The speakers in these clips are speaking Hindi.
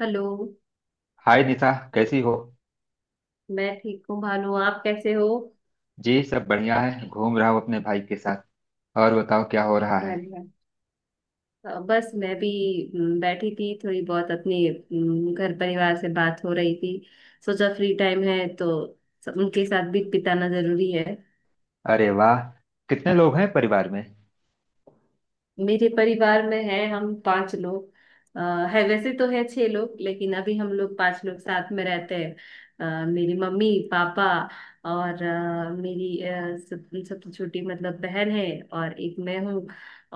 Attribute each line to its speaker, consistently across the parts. Speaker 1: हेलो।
Speaker 2: हाय निशा, कैसी हो?
Speaker 1: मैं ठीक हूँ भानु, आप कैसे हो?
Speaker 2: जी, सब बढ़िया है। घूम रहा हूँ अपने भाई के साथ। और बताओ, क्या हो रहा है?
Speaker 1: हाँ जी, हाँ। बस मैं भी। बैठी थी थोड़ी बहुत अपने घर परिवार से बात हो रही थी। सोचा फ्री टाइम है, तो उनके साथ भी बिताना जरूरी है।
Speaker 2: अरे वाह! कितने लोग हैं परिवार में?
Speaker 1: मेरे परिवार में है हम पांच लोग। अ, है वैसे तो है छह लोग, लेकिन अभी हम लोग पांच लोग साथ में रहते हैं। मेरी मम्मी पापा और मेरी सब सबसे छोटी मतलब बहन है, और एक मैं हूँ,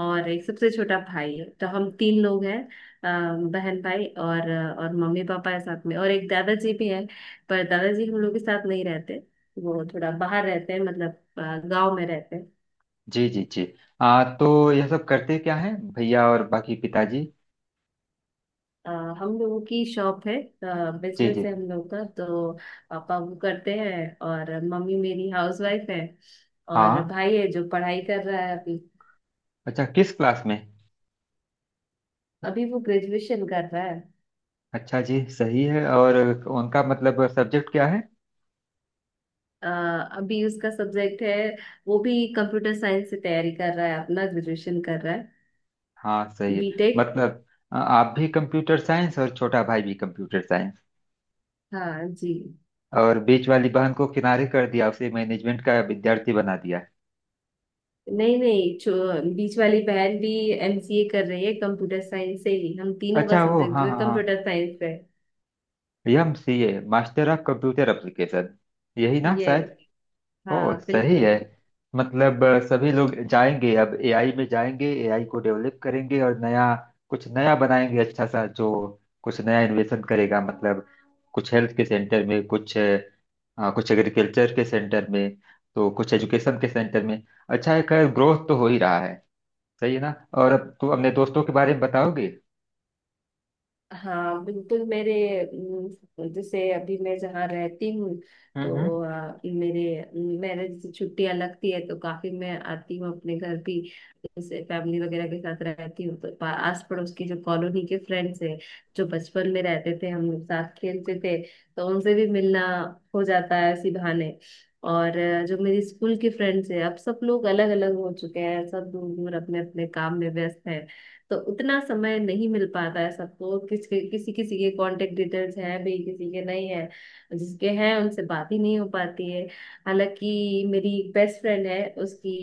Speaker 1: और एक सबसे छोटा भाई है, तो हम तीन लोग हैं। बहन भाई और मम्मी पापा है साथ में, और एक दादाजी भी है। पर दादाजी हम लोग के साथ नहीं रहते, वो थोड़ा बाहर रहते हैं, मतलब गांव में रहते हैं।
Speaker 2: जी जी जी। तो यह सब करते क्या हैं भैया और बाकी पिताजी?
Speaker 1: अ, हम लोगों की शॉप है,
Speaker 2: जी
Speaker 1: बिजनेस
Speaker 2: जी।
Speaker 1: है हम लोग का, तो पापा वो करते हैं, और मम्मी मेरी हाउसवाइफ है। और
Speaker 2: हाँ।
Speaker 1: भाई है जो पढ़ाई कर रहा है अभी।
Speaker 2: अच्छा, किस क्लास में?
Speaker 1: अभी वो ग्रेजुएशन कर रहा है।
Speaker 2: अच्छा जी, सही है। और उनका मतलब सब्जेक्ट क्या है?
Speaker 1: अ, अभी उसका सब्जेक्ट है, वो भी कंप्यूटर साइंस से तैयारी कर रहा है, अपना ग्रेजुएशन कर रहा है।
Speaker 2: हाँ, सही है।
Speaker 1: बीटेक।
Speaker 2: मतलब आप भी कंप्यूटर साइंस और छोटा भाई भी कंप्यूटर साइंस।
Speaker 1: हाँ जी।
Speaker 2: और बीच वाली बहन को किनारे कर दिया, उसे मैनेजमेंट का विद्यार्थी बना दिया।
Speaker 1: नहीं नहीं, छो बीच वाली बहन भी एमसीए कर रही है, कंप्यूटर साइंस से ही हम तीनों का
Speaker 2: अच्छा, वो
Speaker 1: सब्जेक्ट जो
Speaker 2: हाँ
Speaker 1: है
Speaker 2: हाँ हाँ।
Speaker 1: कंप्यूटर साइंस है।
Speaker 2: M C A master of computer application, यही ना
Speaker 1: यस।
Speaker 2: शायद। ओ
Speaker 1: हाँ
Speaker 2: सही
Speaker 1: बिल्कुल।
Speaker 2: है। मतलब सभी लोग जाएंगे, अब एआई में जाएंगे, एआई को डेवलप करेंगे और नया कुछ नया बनाएंगे। अच्छा सा जो कुछ नया इन्वेशन करेगा। मतलब कुछ हेल्थ के सेंटर में कुछ हाँ, कुछ एग्रीकल्चर के सेंटर में तो कुछ एजुकेशन के सेंटर में। अच्छा है, खैर ग्रोथ तो हो ही रहा है। सही है ना। और अब तो अपने दोस्तों के बारे में बताओगे?
Speaker 1: हाँ बिल्कुल, मेरे जैसे अभी मैं जहाँ रहती हूँ, तो
Speaker 2: हम्म।
Speaker 1: मेरे मेरे जैसे छुट्टियाँ लगती है, तो काफी मैं आती हूँ अपने घर भी। जैसे फैमिली वगैरह के साथ रहती हूँ, तो आस पड़ोस की जो कॉलोनी के फ्रेंड्स हैं, जो बचपन में रहते थे हम लोग साथ खेलते थे, तो उनसे भी मिलना हो जाता है इसी बहाने। और जो मेरी स्कूल की फ्रेंड्स है, अब सब लोग अलग अलग हो चुके हैं, सब दूर दूर अपने अपने काम में व्यस्त हैं, तो उतना समय नहीं मिल पाता है सबको। किसी किसी के कांटेक्ट डिटेल्स हैं, भी किसी के नहीं है। जिसके हैं उनसे बात ही नहीं हो पाती है। हालांकि मेरी बेस्ट फ्रेंड है, उसकी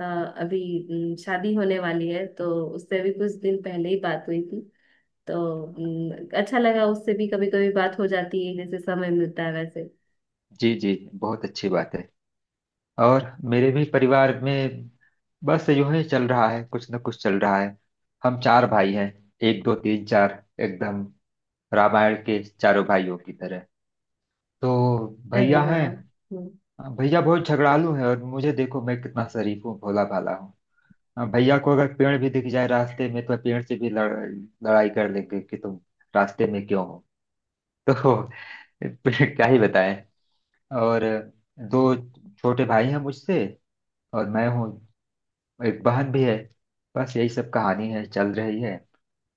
Speaker 1: अभी शादी होने वाली है, तो उससे भी कुछ दिन पहले ही बात हुई थी। तो अच्छा लगा, उससे भी कभी कभी बात हो जाती है जैसे समय मिलता है वैसे।
Speaker 2: जी जी। बहुत अच्छी बात है। और मेरे भी परिवार में बस यूं ही चल रहा है, कुछ न कुछ चल रहा है। हम चार भाई हैं। एक दो तीन चार, एकदम रामायण के चारों भाइयों की तरह। तो
Speaker 1: अरे
Speaker 2: भैया
Speaker 1: वाह।
Speaker 2: हैं।
Speaker 1: हम्म।
Speaker 2: भैया बहुत झगड़ालू हैं और मुझे देखो, मैं कितना शरीफ हूँ, भोला भाला हूँ। हाँ, भैया को अगर पेड़ भी दिख जाए रास्ते में तो पेड़ से भी लड़ाई कर लेंगे कि तुम रास्ते में क्यों हो। तो क्या ही बताएं। और दो छोटे भाई हैं मुझसे और मैं हूँ। एक बहन भी है। बस यही सब कहानी है, चल रही है।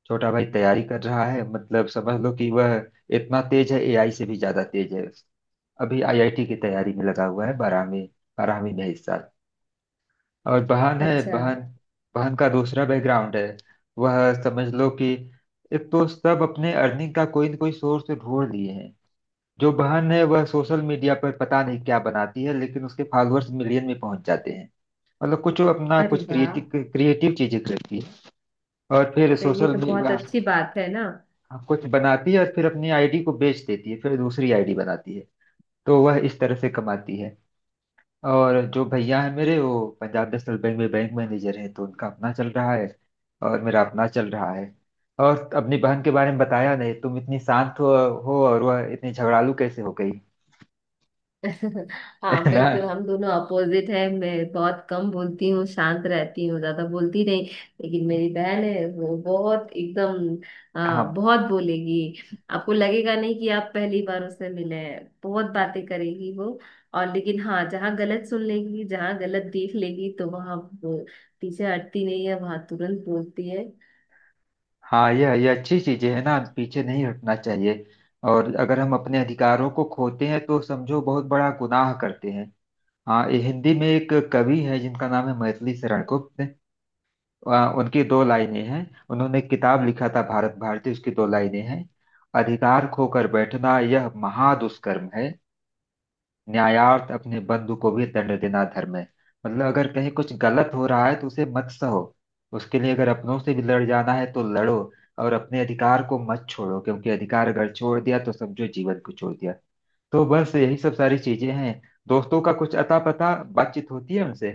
Speaker 2: छोटा भाई तैयारी कर रहा है, मतलब समझ लो कि वह इतना तेज है, एआई से भी ज्यादा तेज है। अभी आईआईटी की तैयारी में लगा हुआ है, बारहवीं बारहवीं में इस साल। और बहन है।
Speaker 1: अच्छा।
Speaker 2: बहन बहन का दूसरा बैकग्राउंड है। वह समझ लो कि एक तो सब अपने अर्निंग का कोई न कोई सोर्स ढूंढ लिए हैं। जो बहन है वह सोशल मीडिया पर पता नहीं क्या बनाती है, लेकिन उसके फॉलोअर्स मिलियन में पहुंच जाते हैं। मतलब कुछ वो अपना
Speaker 1: अरे
Speaker 2: कुछ
Speaker 1: वाह,
Speaker 2: क्रिएटिव क्रिएटिव चीजें करती है। और फिर
Speaker 1: तो ये
Speaker 2: सोशल
Speaker 1: तो बहुत
Speaker 2: मीडिया
Speaker 1: अच्छी बात है ना।
Speaker 2: कुछ बनाती है और फिर अपनी आईडी को बेच देती है, फिर दूसरी आईडी बनाती है। तो वह इस तरह से कमाती है। और जो भैया है मेरे, वो पंजाब नेशनल बैंक में बैंक मैनेजर है, तो उनका अपना चल रहा है। और मेरा अपना चल रहा है। और अपनी बहन के बारे में बताया नहीं। तुम इतनी शांत हो और वह इतनी झगड़ालू कैसे हो गई?
Speaker 1: हाँ
Speaker 2: है ना।
Speaker 1: बिल्कुल, हम दोनों अपोजिट हैं। मैं बहुत कम बोलती हूँ, शांत रहती हूँ, ज्यादा बोलती नहीं। लेकिन मेरी बहन है, वो बहुत एकदम
Speaker 2: हाँ
Speaker 1: बहुत बोलेगी। आपको लगेगा नहीं कि आप पहली बार उससे मिले हैं, बहुत बातें करेगी वो। और लेकिन हाँ, जहाँ गलत सुन लेगी, जहाँ गलत देख लेगी, तो वहाँ वो पीछे हटती नहीं है, वहाँ तुरंत बोलती है।
Speaker 2: हाँ, यह ये अच्छी चीजें है ना, पीछे नहीं हटना चाहिए। और अगर हम अपने अधिकारों को खोते हैं तो समझो बहुत बड़ा गुनाह करते हैं। हाँ, ये हिंदी में एक कवि है जिनका नाम है मैथिली शरण गुप्त। उनकी दो लाइनें हैं। उन्होंने किताब लिखा था भारत भारती, उसकी दो लाइनें हैं। "अधिकार खोकर बैठना यह महादुष्कर्म है। न्यायार्थ अपने बंधु को भी दंड देना धर्म है।" मतलब अगर कहीं कुछ गलत हो रहा है तो उसे मत सहो। उसके लिए अगर अपनों से भी लड़ जाना है तो लड़ो। और अपने अधिकार को मत छोड़ो, क्योंकि अधिकार अगर छोड़ दिया तो समझो जीवन को छोड़ दिया। तो बस यही सब सारी चीजें हैं। दोस्तों का कुछ अता पता, बातचीत होती है उनसे?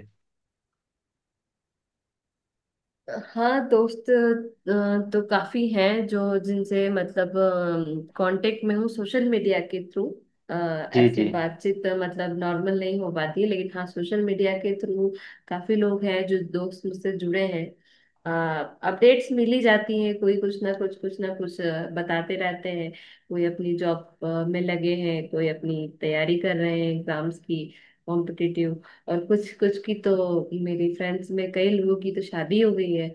Speaker 1: हाँ दोस्त तो काफी हैं जो, जिनसे मतलब कांटेक्ट में हूँ सोशल मीडिया के थ्रू।
Speaker 2: जी
Speaker 1: ऐसे
Speaker 2: जी।
Speaker 1: बातचीत मतलब नॉर्मल नहीं हो पाती है, लेकिन हाँ सोशल मीडिया के थ्रू काफी लोग हैं जो दोस्त मुझसे जुड़े हैं। अपडेट्स मिली जाती हैं, कोई कुछ ना कुछ बताते रहते हैं। कोई अपनी जॉब में लगे हैं, कोई अपनी तैयारी कर रहे हैं एग्जाम्स की, कॉम्पिटिटिव। और कुछ कुछ की तो मेरी फ्रेंड्स में कई लोगों की तो शादी हो गई है,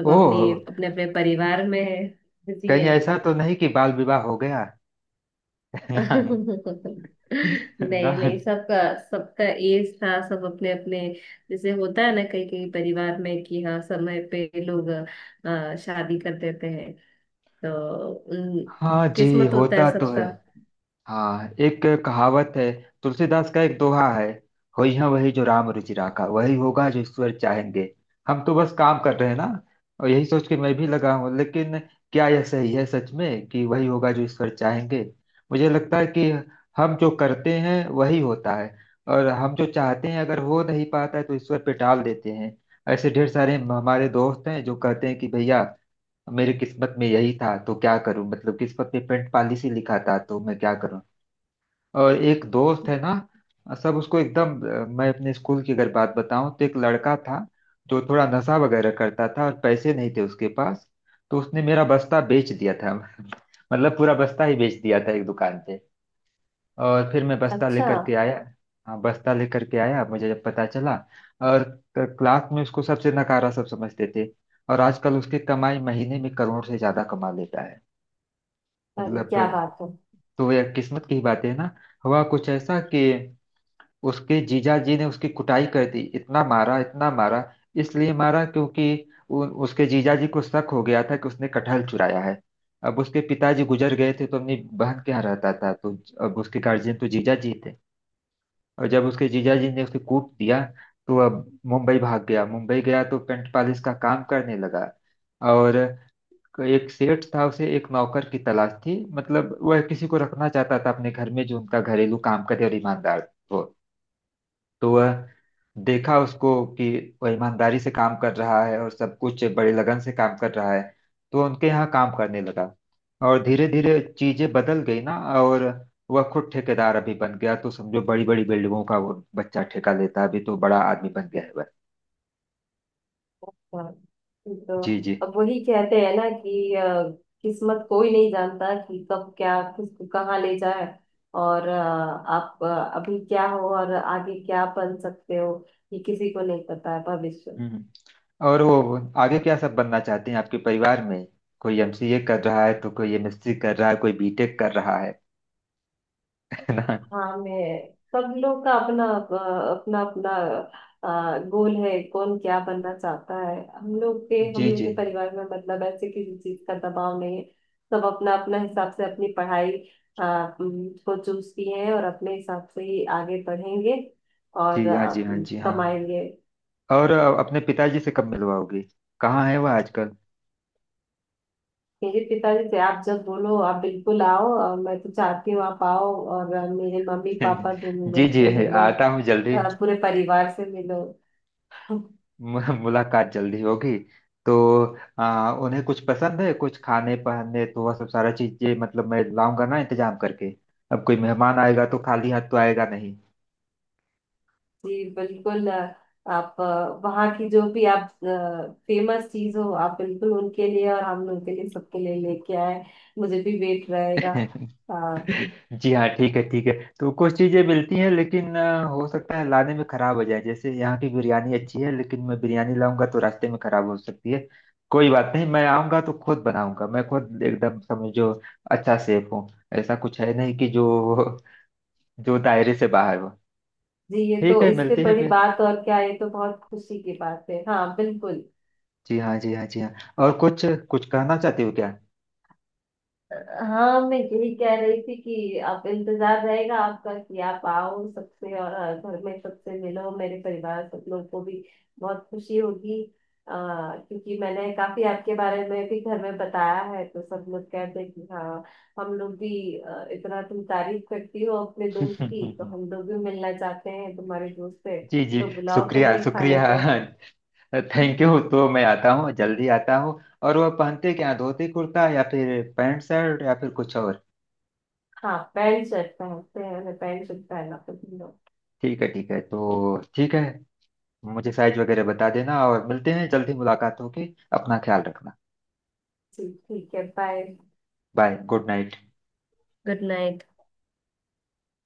Speaker 1: सब अपनी
Speaker 2: ओह,
Speaker 1: अपने अपने परिवार में है, बिजी
Speaker 2: कहीं
Speaker 1: है।
Speaker 2: ऐसा तो नहीं कि बाल विवाह हो गया ना? ना।
Speaker 1: नहीं नहीं, सबका सबका एज था, सब अपने अपने जैसे होता है ना, कई कई परिवार में, कि हाँ समय पे लोग शादी कर देते हैं। तो
Speaker 2: हाँ जी,
Speaker 1: किस्मत होता
Speaker 2: होता
Speaker 1: है
Speaker 2: तो है।
Speaker 1: सबका।
Speaker 2: हाँ, एक कहावत है, तुलसीदास का एक दोहा है, "होई है वही जो राम रुचि राखा।" वही होगा जो ईश्वर चाहेंगे। हम तो बस काम कर रहे हैं ना। और यही सोच के मैं भी लगा हूँ, लेकिन क्या यह सही है सच में कि वही होगा जो ईश्वर चाहेंगे? मुझे लगता है कि हम जो करते हैं वही होता है। और हम जो चाहते हैं अगर हो नहीं पाता है तो ईश्वर पे टाल देते हैं। ऐसे ढेर सारे हमारे दोस्त हैं जो कहते हैं कि भैया, मेरी किस्मत में यही था तो क्या करूं, मतलब किस्मत में पेंट पॉलिसी लिखा था तो मैं क्या करूं। और एक दोस्त है ना, सब उसको एकदम मैं अपने स्कूल की अगर बात बताऊं तो, एक लड़का था जो थोड़ा नशा वगैरह करता था और पैसे नहीं थे उसके पास। तो उसने मेरा बस्ता बेच दिया था मतलब पूरा बस्ता ही बेच दिया था, एक दुकान पे। और फिर मैं बस्ता
Speaker 1: अच्छा।
Speaker 2: लेकर के आया। हाँ, बस्ता लेकर के आया मुझे जब पता चला। और क्लास में उसको सबसे नकारा सब समझते थे। और आजकल उसकी कमाई महीने में करोड़ से ज्यादा कमा लेता है।
Speaker 1: अरे
Speaker 2: मतलब
Speaker 1: क्या बात है।
Speaker 2: तो यह किस्मत की बात है ना। हुआ कुछ ऐसा कि उसके जीजाजी ने उसकी कुटाई कर दी, इतना मारा इतना मारा। इसलिए मारा क्योंकि उसके जीजाजी को शक हो गया था कि उसने कटहल चुराया है। अब उसके पिताजी गुजर गए थे, तो अपनी बहन के यहाँ रहता था, तो अब उसके गार्जियन तो जीजाजी थे। और जब उसके जीजाजी ने उसे कूट दिया, तो अब मुंबई भाग गया। मुंबई गया तो पेंट पॉलिश का काम करने लगा। और एक सेठ था, उसे एक नौकर की तलाश थी, मतलब वह किसी को रखना चाहता था अपने घर में जो उनका घरेलू काम करे और ईमानदार हो। तो वह देखा उसको कि वह ईमानदारी से काम कर रहा है और सब कुछ बड़े लगन से काम कर रहा है। तो उनके यहाँ काम करने लगा। और धीरे धीरे चीजें बदल गई ना। और वह खुद ठेकेदार अभी बन गया, तो समझो बड़ी बड़ी बिल्डिंगों का वो बच्चा ठेका लेता है अभी, तो बड़ा आदमी बन गया है वह।
Speaker 1: हाँ, तो
Speaker 2: जी जी।
Speaker 1: अब वही कहते हैं ना कि किस्मत कोई नहीं जानता कि कब क्या किसको कहाँ ले जाए, और आप अभी क्या हो और आगे क्या बन सकते हो, ये किसी को नहीं पता है, भविष्य।
Speaker 2: हम्म। और वो आगे क्या सब बनना चाहते हैं आपके परिवार में? कोई एमसीए कर रहा है तो कोई एमएससी कर रहा है, कोई बीटेक कर रहा है है ना।
Speaker 1: हाँ मैं, सब लोग का अपना अपना अपना गोल है, कौन क्या बनना चाहता है। हम लोग के हम
Speaker 2: जी
Speaker 1: लोग
Speaker 2: जी।
Speaker 1: के परिवार में मतलब ऐसे किसी चीज का दबाव नहीं है, सब अपना अपना हिसाब से अपनी पढ़ाई को चूज किए हैं, और अपने हिसाब से ही आगे बढ़ेंगे और
Speaker 2: जी हाँ जी हाँ जी हाँ।
Speaker 1: कमाएंगे।
Speaker 2: और अपने पिताजी से कब मिलवाओगी? कहाँ है वह आजकल?
Speaker 1: मेरे पिताजी से आप जब बोलो आप बिल्कुल आओ, और मैं तो चाहती हूँ आप आओ और मेरे मम्मी पापा दोनों
Speaker 2: जी
Speaker 1: लोग
Speaker 2: जी,
Speaker 1: से
Speaker 2: है,
Speaker 1: मिलो,
Speaker 2: आता हूँ जल्दी।
Speaker 1: पूरे परिवार से मिलो।
Speaker 2: मुलाकात जल्दी होगी। तो उन्हें कुछ पसंद है कुछ खाने पहनने, तो वह सब सारा चीजें मतलब मैं लाऊंगा ना, इंतजाम करके। अब कोई मेहमान आएगा तो खाली हाथ तो आएगा नहीं।
Speaker 1: जी, बिल्कुल। आप वहाँ की जो भी आप फेमस चीज हो, आप बिल्कुल उनके लिए और हम लोग के लिए, सबके लिए लेके आए। मुझे भी वेट रहेगा। अ,
Speaker 2: जी हाँ, ठीक है ठीक है। तो कुछ चीजें मिलती हैं, लेकिन हो सकता है लाने में खराब हो जाए। जैसे यहाँ की बिरयानी अच्छी है, लेकिन मैं बिरयानी लाऊंगा तो रास्ते में खराब हो सकती है। कोई बात नहीं, मैं आऊंगा तो खुद बनाऊंगा। मैं खुद एकदम समझो अच्छा सेफ हूँ। ऐसा कुछ है नहीं कि जो जो दायरे से बाहर हो।
Speaker 1: जी, ये
Speaker 2: ठीक
Speaker 1: तो
Speaker 2: है,
Speaker 1: इससे
Speaker 2: मिलते हैं
Speaker 1: बड़ी
Speaker 2: फिर।
Speaker 1: बात और क्या है, ये तो बहुत खुशी की बात है। हाँ बिल्कुल।
Speaker 2: जी हाँ जी हाँ जी हाँ। और कुछ कुछ कहना चाहती हो क्या?
Speaker 1: हाँ, मैं यही कह रही थी कि आप इंतजार रहेगा आपका कि आप आओ सबसे, और घर में सबसे मिलो, मेरे परिवार सब लोग को भी बहुत खुशी होगी। अ, क्योंकि मैंने काफी आपके बारे में भी घर में बताया है, तो सब लोग कहते हैं कि हाँ, हम लोग भी इतना तुम तारीफ करती हो अपने दोस्त की, तो हम लोग भी मिलना चाहते हैं तुम्हारे दोस्त से।
Speaker 2: जी जी।
Speaker 1: तो बुलाओ
Speaker 2: शुक्रिया
Speaker 1: कभी खाने
Speaker 2: शुक्रिया।
Speaker 1: पे।
Speaker 2: थैंक यू, तो मैं आता हूँ जल्दी आता हूँ। और वह पहनते क्या, धोती कुर्ता या फिर पैंट शर्ट या फिर कुछ और?
Speaker 1: हाँ, पैंट शर्ट पहनते हैं, हमें पैंट शर्ट पहनना पसंद है।
Speaker 2: ठीक है ठीक है, तो ठीक है। मुझे साइज वगैरह बता देना, और मिलते हैं। जल्दी मुलाकात होगी। अपना ख्याल रखना।
Speaker 1: जी, ठीक है। Bye.
Speaker 2: Bye. Good night.
Speaker 1: Good night.